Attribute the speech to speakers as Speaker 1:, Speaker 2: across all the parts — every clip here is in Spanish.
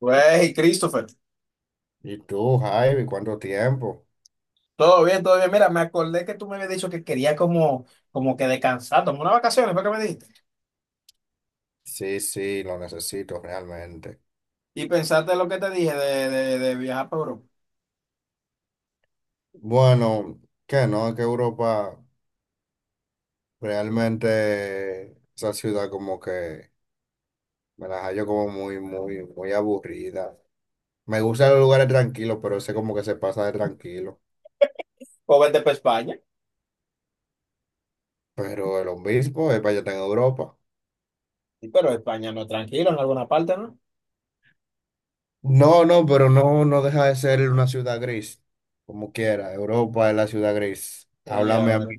Speaker 1: Güey, Christopher,
Speaker 2: ¿Y tú, Javi, cuánto tiempo?
Speaker 1: todo bien, todo bien. Mira, me acordé que tú me habías dicho que quería como, como que descansar, tomar unas vacaciones, fue que me dijiste.
Speaker 2: Sí, sí, lo necesito realmente.
Speaker 1: Y pensaste en lo que te dije de viajar para Europa.
Speaker 2: Bueno, que no, que Europa realmente esa ciudad como que me la hallo como muy, muy, muy aburrida. Me gustan los lugares tranquilos, pero ese como que se pasa de tranquilo.
Speaker 1: O vete para España.
Speaker 2: Pero el obispo es para allá está en Europa.
Speaker 1: Sí, pero España no, es tranquilo, en alguna parte, ¿no?
Speaker 2: No, no, pero no, no deja de ser una ciudad gris, como quiera. Europa es la ciudad gris.
Speaker 1: Y a
Speaker 2: Háblame a
Speaker 1: ver,
Speaker 2: mí,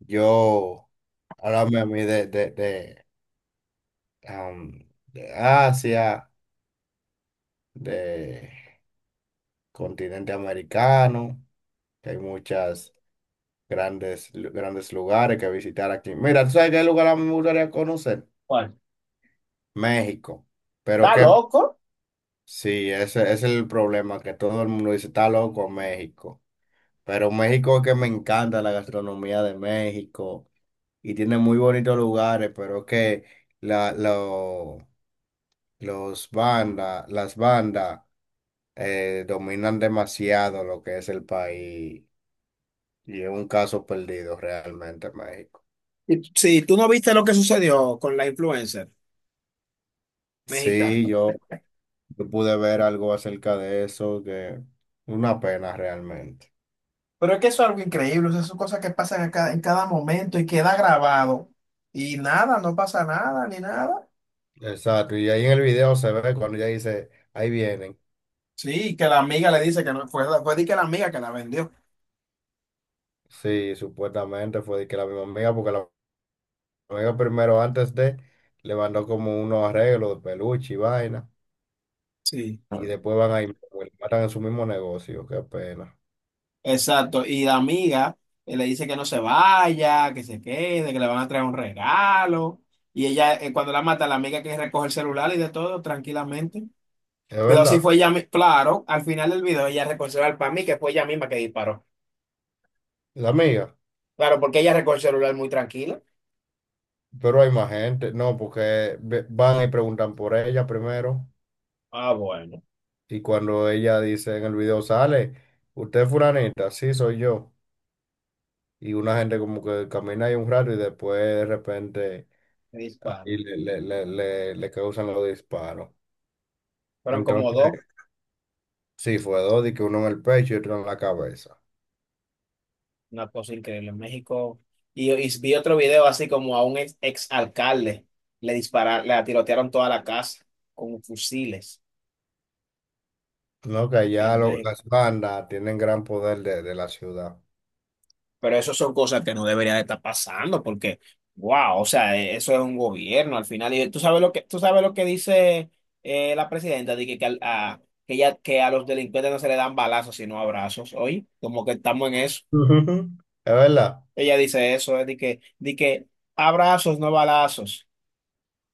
Speaker 2: yo, háblame a mí de Asia, de continente americano, que hay muchas grandes lugares que visitar aquí. Mira, ¿tú sabes qué lugar a mí me gustaría conocer?
Speaker 1: ¿cuál?
Speaker 2: México. Pero
Speaker 1: ¿Está
Speaker 2: que
Speaker 1: loco?
Speaker 2: sí, ese es el problema, que todo el mundo dice, está loco México. Pero México es que me encanta la gastronomía de México y tiene muy bonitos lugares, pero es que la, lo- los bandas, las bandas. Dominan demasiado lo que es el país y es un caso perdido realmente México.
Speaker 1: Sí, tú no viste lo que sucedió con la influencer
Speaker 2: Sí,
Speaker 1: mexicana.
Speaker 2: yo pude ver algo acerca de eso, que una pena realmente.
Speaker 1: Pero es que eso es algo increíble, o sea, son cosas que pasan a en cada momento y queda grabado. Y nada, no pasa nada, ni nada.
Speaker 2: Exacto, y ahí en el video se ve cuando ella dice, ahí vienen.
Speaker 1: Sí, que la amiga le dice que no, fue di que la amiga que la vendió.
Speaker 2: Sí, supuestamente fue de que la misma amiga, porque la amiga primero antes de le mandó como unos arreglos de peluche y vaina,
Speaker 1: Sí.
Speaker 2: y después van ahí, matan en su mismo negocio, qué pena.
Speaker 1: Exacto, y la amiga le dice que no se vaya, que se quede, que le van a traer un regalo. Y ella, cuando la mata, la amiga que recoge el celular y de todo, tranquilamente.
Speaker 2: Es
Speaker 1: Pero así
Speaker 2: verdad,
Speaker 1: fue ella, claro, al final del video ella recogió el celular para mí, que fue ella misma que disparó.
Speaker 2: la amiga.
Speaker 1: Claro, porque ella recogió el celular muy tranquila.
Speaker 2: Pero hay más gente, no, porque van y preguntan por ella primero
Speaker 1: Ah, bueno,
Speaker 2: y cuando ella dice en el video sale, usted es fulanita, sí soy yo. Y una gente como que camina ahí un rato y después de repente
Speaker 1: que
Speaker 2: ahí
Speaker 1: disparo.
Speaker 2: le causan los disparos.
Speaker 1: Fueron como dos.
Speaker 2: Entonces, sí, fue dos, y que uno en el pecho y otro en la cabeza.
Speaker 1: Una cosa increíble. En México. Y vi otro video así como a un ex, alcalde le dispararon, le tirotearon toda la casa con fusiles
Speaker 2: No, que
Speaker 1: en México.
Speaker 2: las bandas tienen gran poder de la ciudad.
Speaker 1: Pero eso son cosas que no debería de estar pasando porque, wow, o sea, eso es un gobierno al final. Y tú sabes lo que, tú sabes lo que dice la presidenta, de que que, ya, que a los delincuentes no se le dan balazos, sino abrazos. Oye, como que estamos en eso.
Speaker 2: Ujú. Es verdad.
Speaker 1: Ella dice eso, de que abrazos, no balazos.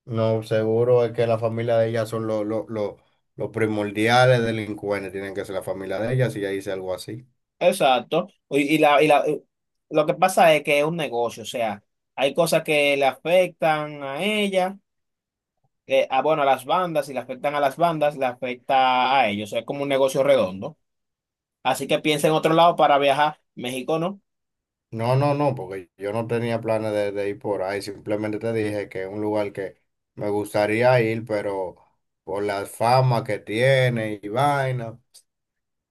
Speaker 2: No, seguro es que la familia de ella son los primordiales delincuentes, tienen que ser la familia de ella si ella hice algo así.
Speaker 1: Exacto. Lo que pasa es que es un negocio, o sea, hay cosas que le afectan a ella, bueno, a las bandas, si le afectan a las bandas, le afecta a ellos, o sea, es como un negocio redondo. Así que piensa en otro lado para viajar, México no.
Speaker 2: No, no, no, porque yo no tenía planes de ir por ahí, simplemente te dije que es un lugar que me gustaría ir, pero por la fama que tiene y vaina,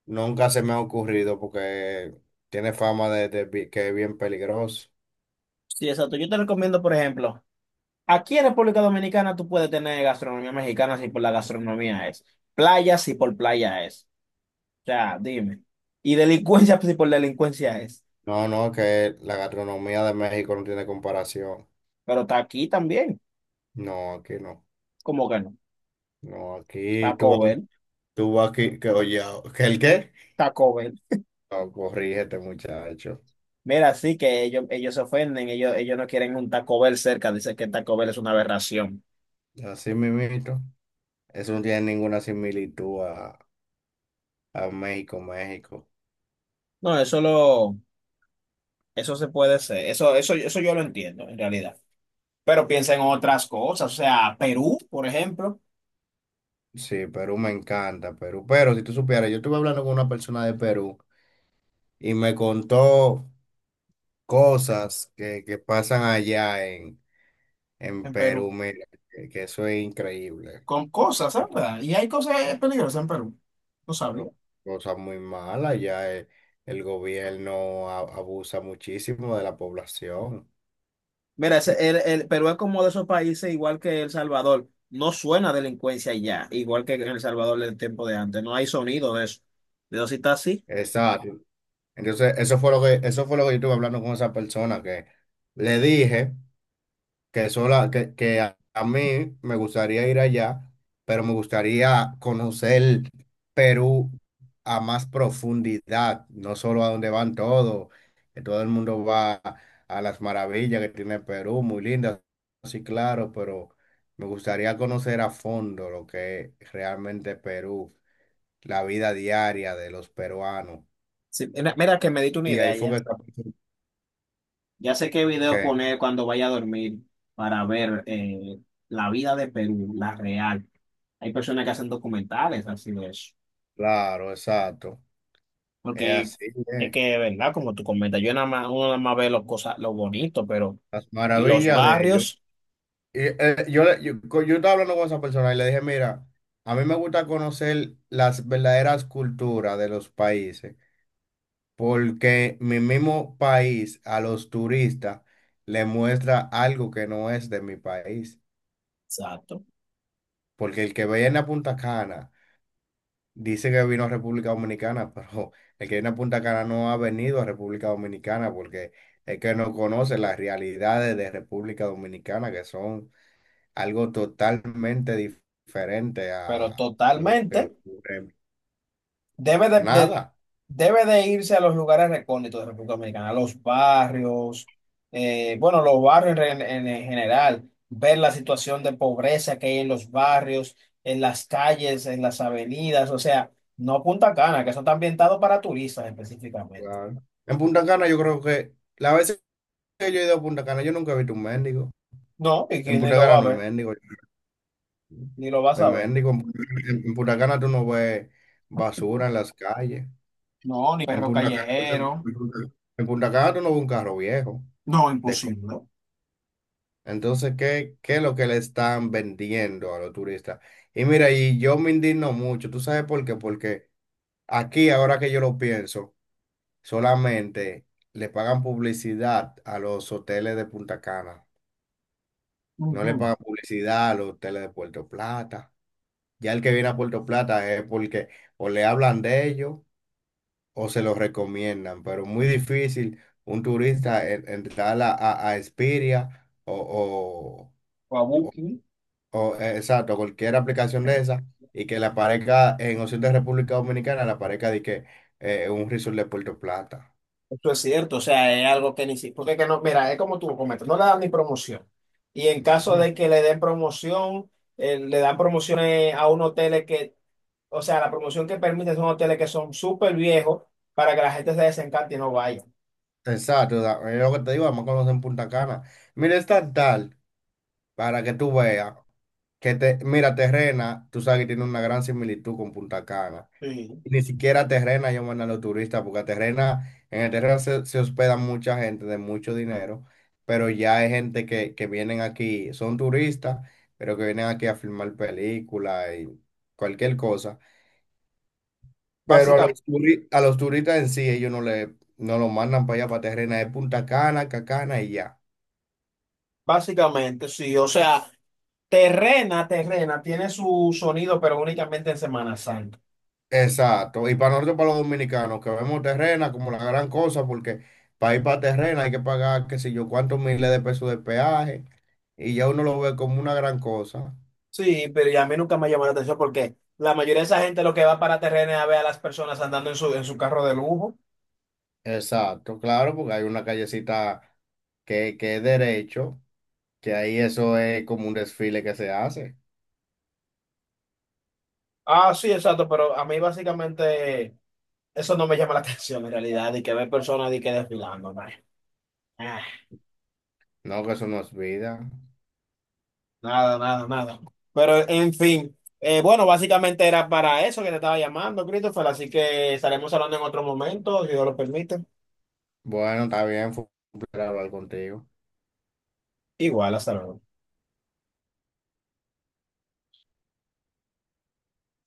Speaker 2: nunca se me ha ocurrido porque tiene fama que es bien peligroso.
Speaker 1: Sí, exacto. Yo te recomiendo, por ejemplo, aquí en República Dominicana tú puedes tener gastronomía mexicana si por la gastronomía es, playa si por playa es, o sea, dime. Y delincuencia si por delincuencia es,
Speaker 2: No, no, que la gastronomía de México no tiene comparación.
Speaker 1: pero está aquí también,
Speaker 2: No, aquí no.
Speaker 1: como que no.
Speaker 2: No, aquí tú
Speaker 1: Taco
Speaker 2: vas.
Speaker 1: Bell.
Speaker 2: Tú vas aquí, que oye, ¿que el qué?
Speaker 1: Taco Bell.
Speaker 2: No, corrígete, muchacho.
Speaker 1: Mira, sí que ellos se ofenden, ellos no quieren un Taco Bell cerca, dicen que Taco Bell es una aberración.
Speaker 2: Así mismito. Eso no tiene ninguna similitud a México, México.
Speaker 1: No, eso se puede ser, eso yo lo entiendo en realidad. Pero piensa en otras cosas, o sea, Perú, por ejemplo,
Speaker 2: Sí, Perú me encanta, Perú. Pero si tú supieras, yo estuve hablando con una persona de Perú y me contó cosas que pasan en
Speaker 1: en
Speaker 2: Perú.
Speaker 1: Perú,
Speaker 2: Mira, que eso es increíble.
Speaker 1: con cosas, ¿sabes? Y hay cosas peligrosas en Perú, no
Speaker 2: Pero
Speaker 1: sabía.
Speaker 2: cosas muy malas. Allá el gobierno abusa muchísimo de la población.
Speaker 1: Mira,
Speaker 2: Y-
Speaker 1: el Perú es como de esos países igual que El Salvador, no suena delincuencia ya, igual que en El Salvador del tiempo de antes, no hay sonido de eso. Pero si está así.
Speaker 2: Exacto. Entonces, eso fue lo que, eso fue lo que yo estuve hablando con esa persona que le dije que sola, que, a mí me gustaría ir allá, pero me gustaría conocer Perú a más profundidad, no solo a donde van todos, que todo el mundo va a las maravillas que tiene Perú, muy lindas, sí, claro, pero me gustaría conocer a fondo lo que es realmente Perú, la vida diaria de los peruanos.
Speaker 1: Sí, mira, mira que me diste una
Speaker 2: Y
Speaker 1: idea
Speaker 2: ahí fue que
Speaker 1: ya.
Speaker 2: esa persona-
Speaker 1: Ya sé qué video
Speaker 2: que
Speaker 1: poner cuando vaya a dormir para ver la vida de Perú, la real. Hay personas que hacen documentales así de eso.
Speaker 2: claro, exacto. Es
Speaker 1: Porque
Speaker 2: así,
Speaker 1: es
Speaker 2: eh.
Speaker 1: que, ¿verdad? Como tú comentas, yo nada más, uno nada más ve los cosas, lo bonito, pero.
Speaker 2: Las
Speaker 1: Y los
Speaker 2: maravillas de ellos.
Speaker 1: barrios,
Speaker 2: Y, yo, le- yo, co- yo estaba hablando con esa persona y le dije, mira, a mí me gusta conocer las verdaderas culturas de los países, porque mi mismo país a los turistas le muestra algo que no es de mi país,
Speaker 1: exacto.
Speaker 2: porque el que viene a Punta Cana dice que vino a República Dominicana, pero el que viene a Punta Cana no ha venido a República Dominicana porque es que no conoce las realidades de República Dominicana, que son algo totalmente diferente
Speaker 1: Pero
Speaker 2: a lo que
Speaker 1: totalmente.
Speaker 2: ocurre.
Speaker 1: Debe de, de-
Speaker 2: Nada.
Speaker 1: debe de irse a los lugares recónditos de República Dominicana, a los barrios, bueno, los barrios en general, ver la situación de pobreza que hay en los barrios, en las calles, en las avenidas, o sea, no Punta Cana, que eso está ambientado para turistas específicamente.
Speaker 2: Claro. En Punta Cana yo creo que la vez que yo he ido a Punta Cana, yo nunca he visto un mendigo.
Speaker 1: No, y que
Speaker 2: En
Speaker 1: ni
Speaker 2: Punta
Speaker 1: lo
Speaker 2: Cana
Speaker 1: va a
Speaker 2: no hay
Speaker 1: ver,
Speaker 2: mendigo.
Speaker 1: ni lo va a
Speaker 2: No hay
Speaker 1: saber.
Speaker 2: mendigo. En Punta Cana tú no ves basura en las calles.
Speaker 1: No, ni
Speaker 2: En
Speaker 1: perro
Speaker 2: Punta Cana,
Speaker 1: callejero.
Speaker 2: en Punta en Punta Cana tú no ves un carro viejo.
Speaker 1: No,
Speaker 2: de co-
Speaker 1: imposible.
Speaker 2: Entonces, qué es lo que le están vendiendo a los turistas? Y mira, y yo me indigno mucho. ¿Tú sabes por qué? Porque aquí, ahora que yo lo pienso, solamente le pagan publicidad a los hoteles de Punta Cana. No
Speaker 1: Ujú.
Speaker 2: le pagan publicidad a los hoteles de Puerto Plata. Ya el que viene a Puerto Plata es porque o le hablan de ellos o se lo recomiendan, pero muy difícil un turista entrar a Expedia
Speaker 1: Guabuki.
Speaker 2: exacto, cualquier aplicación de esa y que le aparezca en opción de República Dominicana, le aparezca de que un resort de Puerto Plata.
Speaker 1: Eso es cierto, o sea, es algo que ni siquiera, porque que no, mira, es como tú comentas, no le dan ni promoción. Y en
Speaker 2: No,
Speaker 1: caso
Speaker 2: no.
Speaker 1: de que le den promoción, le dan promociones a unos hoteles que, o sea, la promoción que permite son hoteles que son súper viejos para que la gente se desencante y no vaya.
Speaker 2: Exacto, da- es lo que te digo, además conocen Punta Cana. Mira, es tan tal para que tú veas que te, mira, Terrena, tú sabes que tiene una gran similitud con Punta Cana.
Speaker 1: Sí,
Speaker 2: Ni siquiera a Terrena llaman a los turistas, porque a Terrena, en el Terrena se hospeda mucha gente de mucho dinero, pero ya hay gente que vienen aquí, son turistas, pero que vienen aquí a filmar películas y cualquier cosa. Pero a
Speaker 1: básica-
Speaker 2: los, a los turistas en sí, ellos no le, no lo mandan para allá, para Terrena, es Punta Cana, Cacana y ya.
Speaker 1: básicamente, sí, o sea, Terrena tiene su sonido, pero únicamente en Semana Santa.
Speaker 2: Exacto. Y para nosotros, para los dominicanos, que vemos Terrena como la gran cosa, porque para ir para Terrena hay que pagar, qué sé yo, cuántos miles de pesos de peaje, y ya uno lo ve como una gran cosa.
Speaker 1: Sí, pero y a mí nunca me llamó la atención porque la mayoría de esa gente lo que va para Terrena es a ver a las personas andando en en su carro de lujo.
Speaker 2: Exacto, claro, porque hay una callecita que es derecho, que ahí eso es como un desfile que se hace.
Speaker 1: Ah, sí, exacto, pero a mí básicamente eso no me llama la atención en realidad, y que ver personas y que desfilando, nah. Ah,
Speaker 2: No, que eso no es vida.
Speaker 1: nada. Pero en fin, bueno, básicamente era para eso que te estaba llamando, Christopher, así que estaremos hablando en otro momento, si Dios lo permite.
Speaker 2: Bueno, está bien, fue un placer hablar contigo.
Speaker 1: Igual, hasta luego.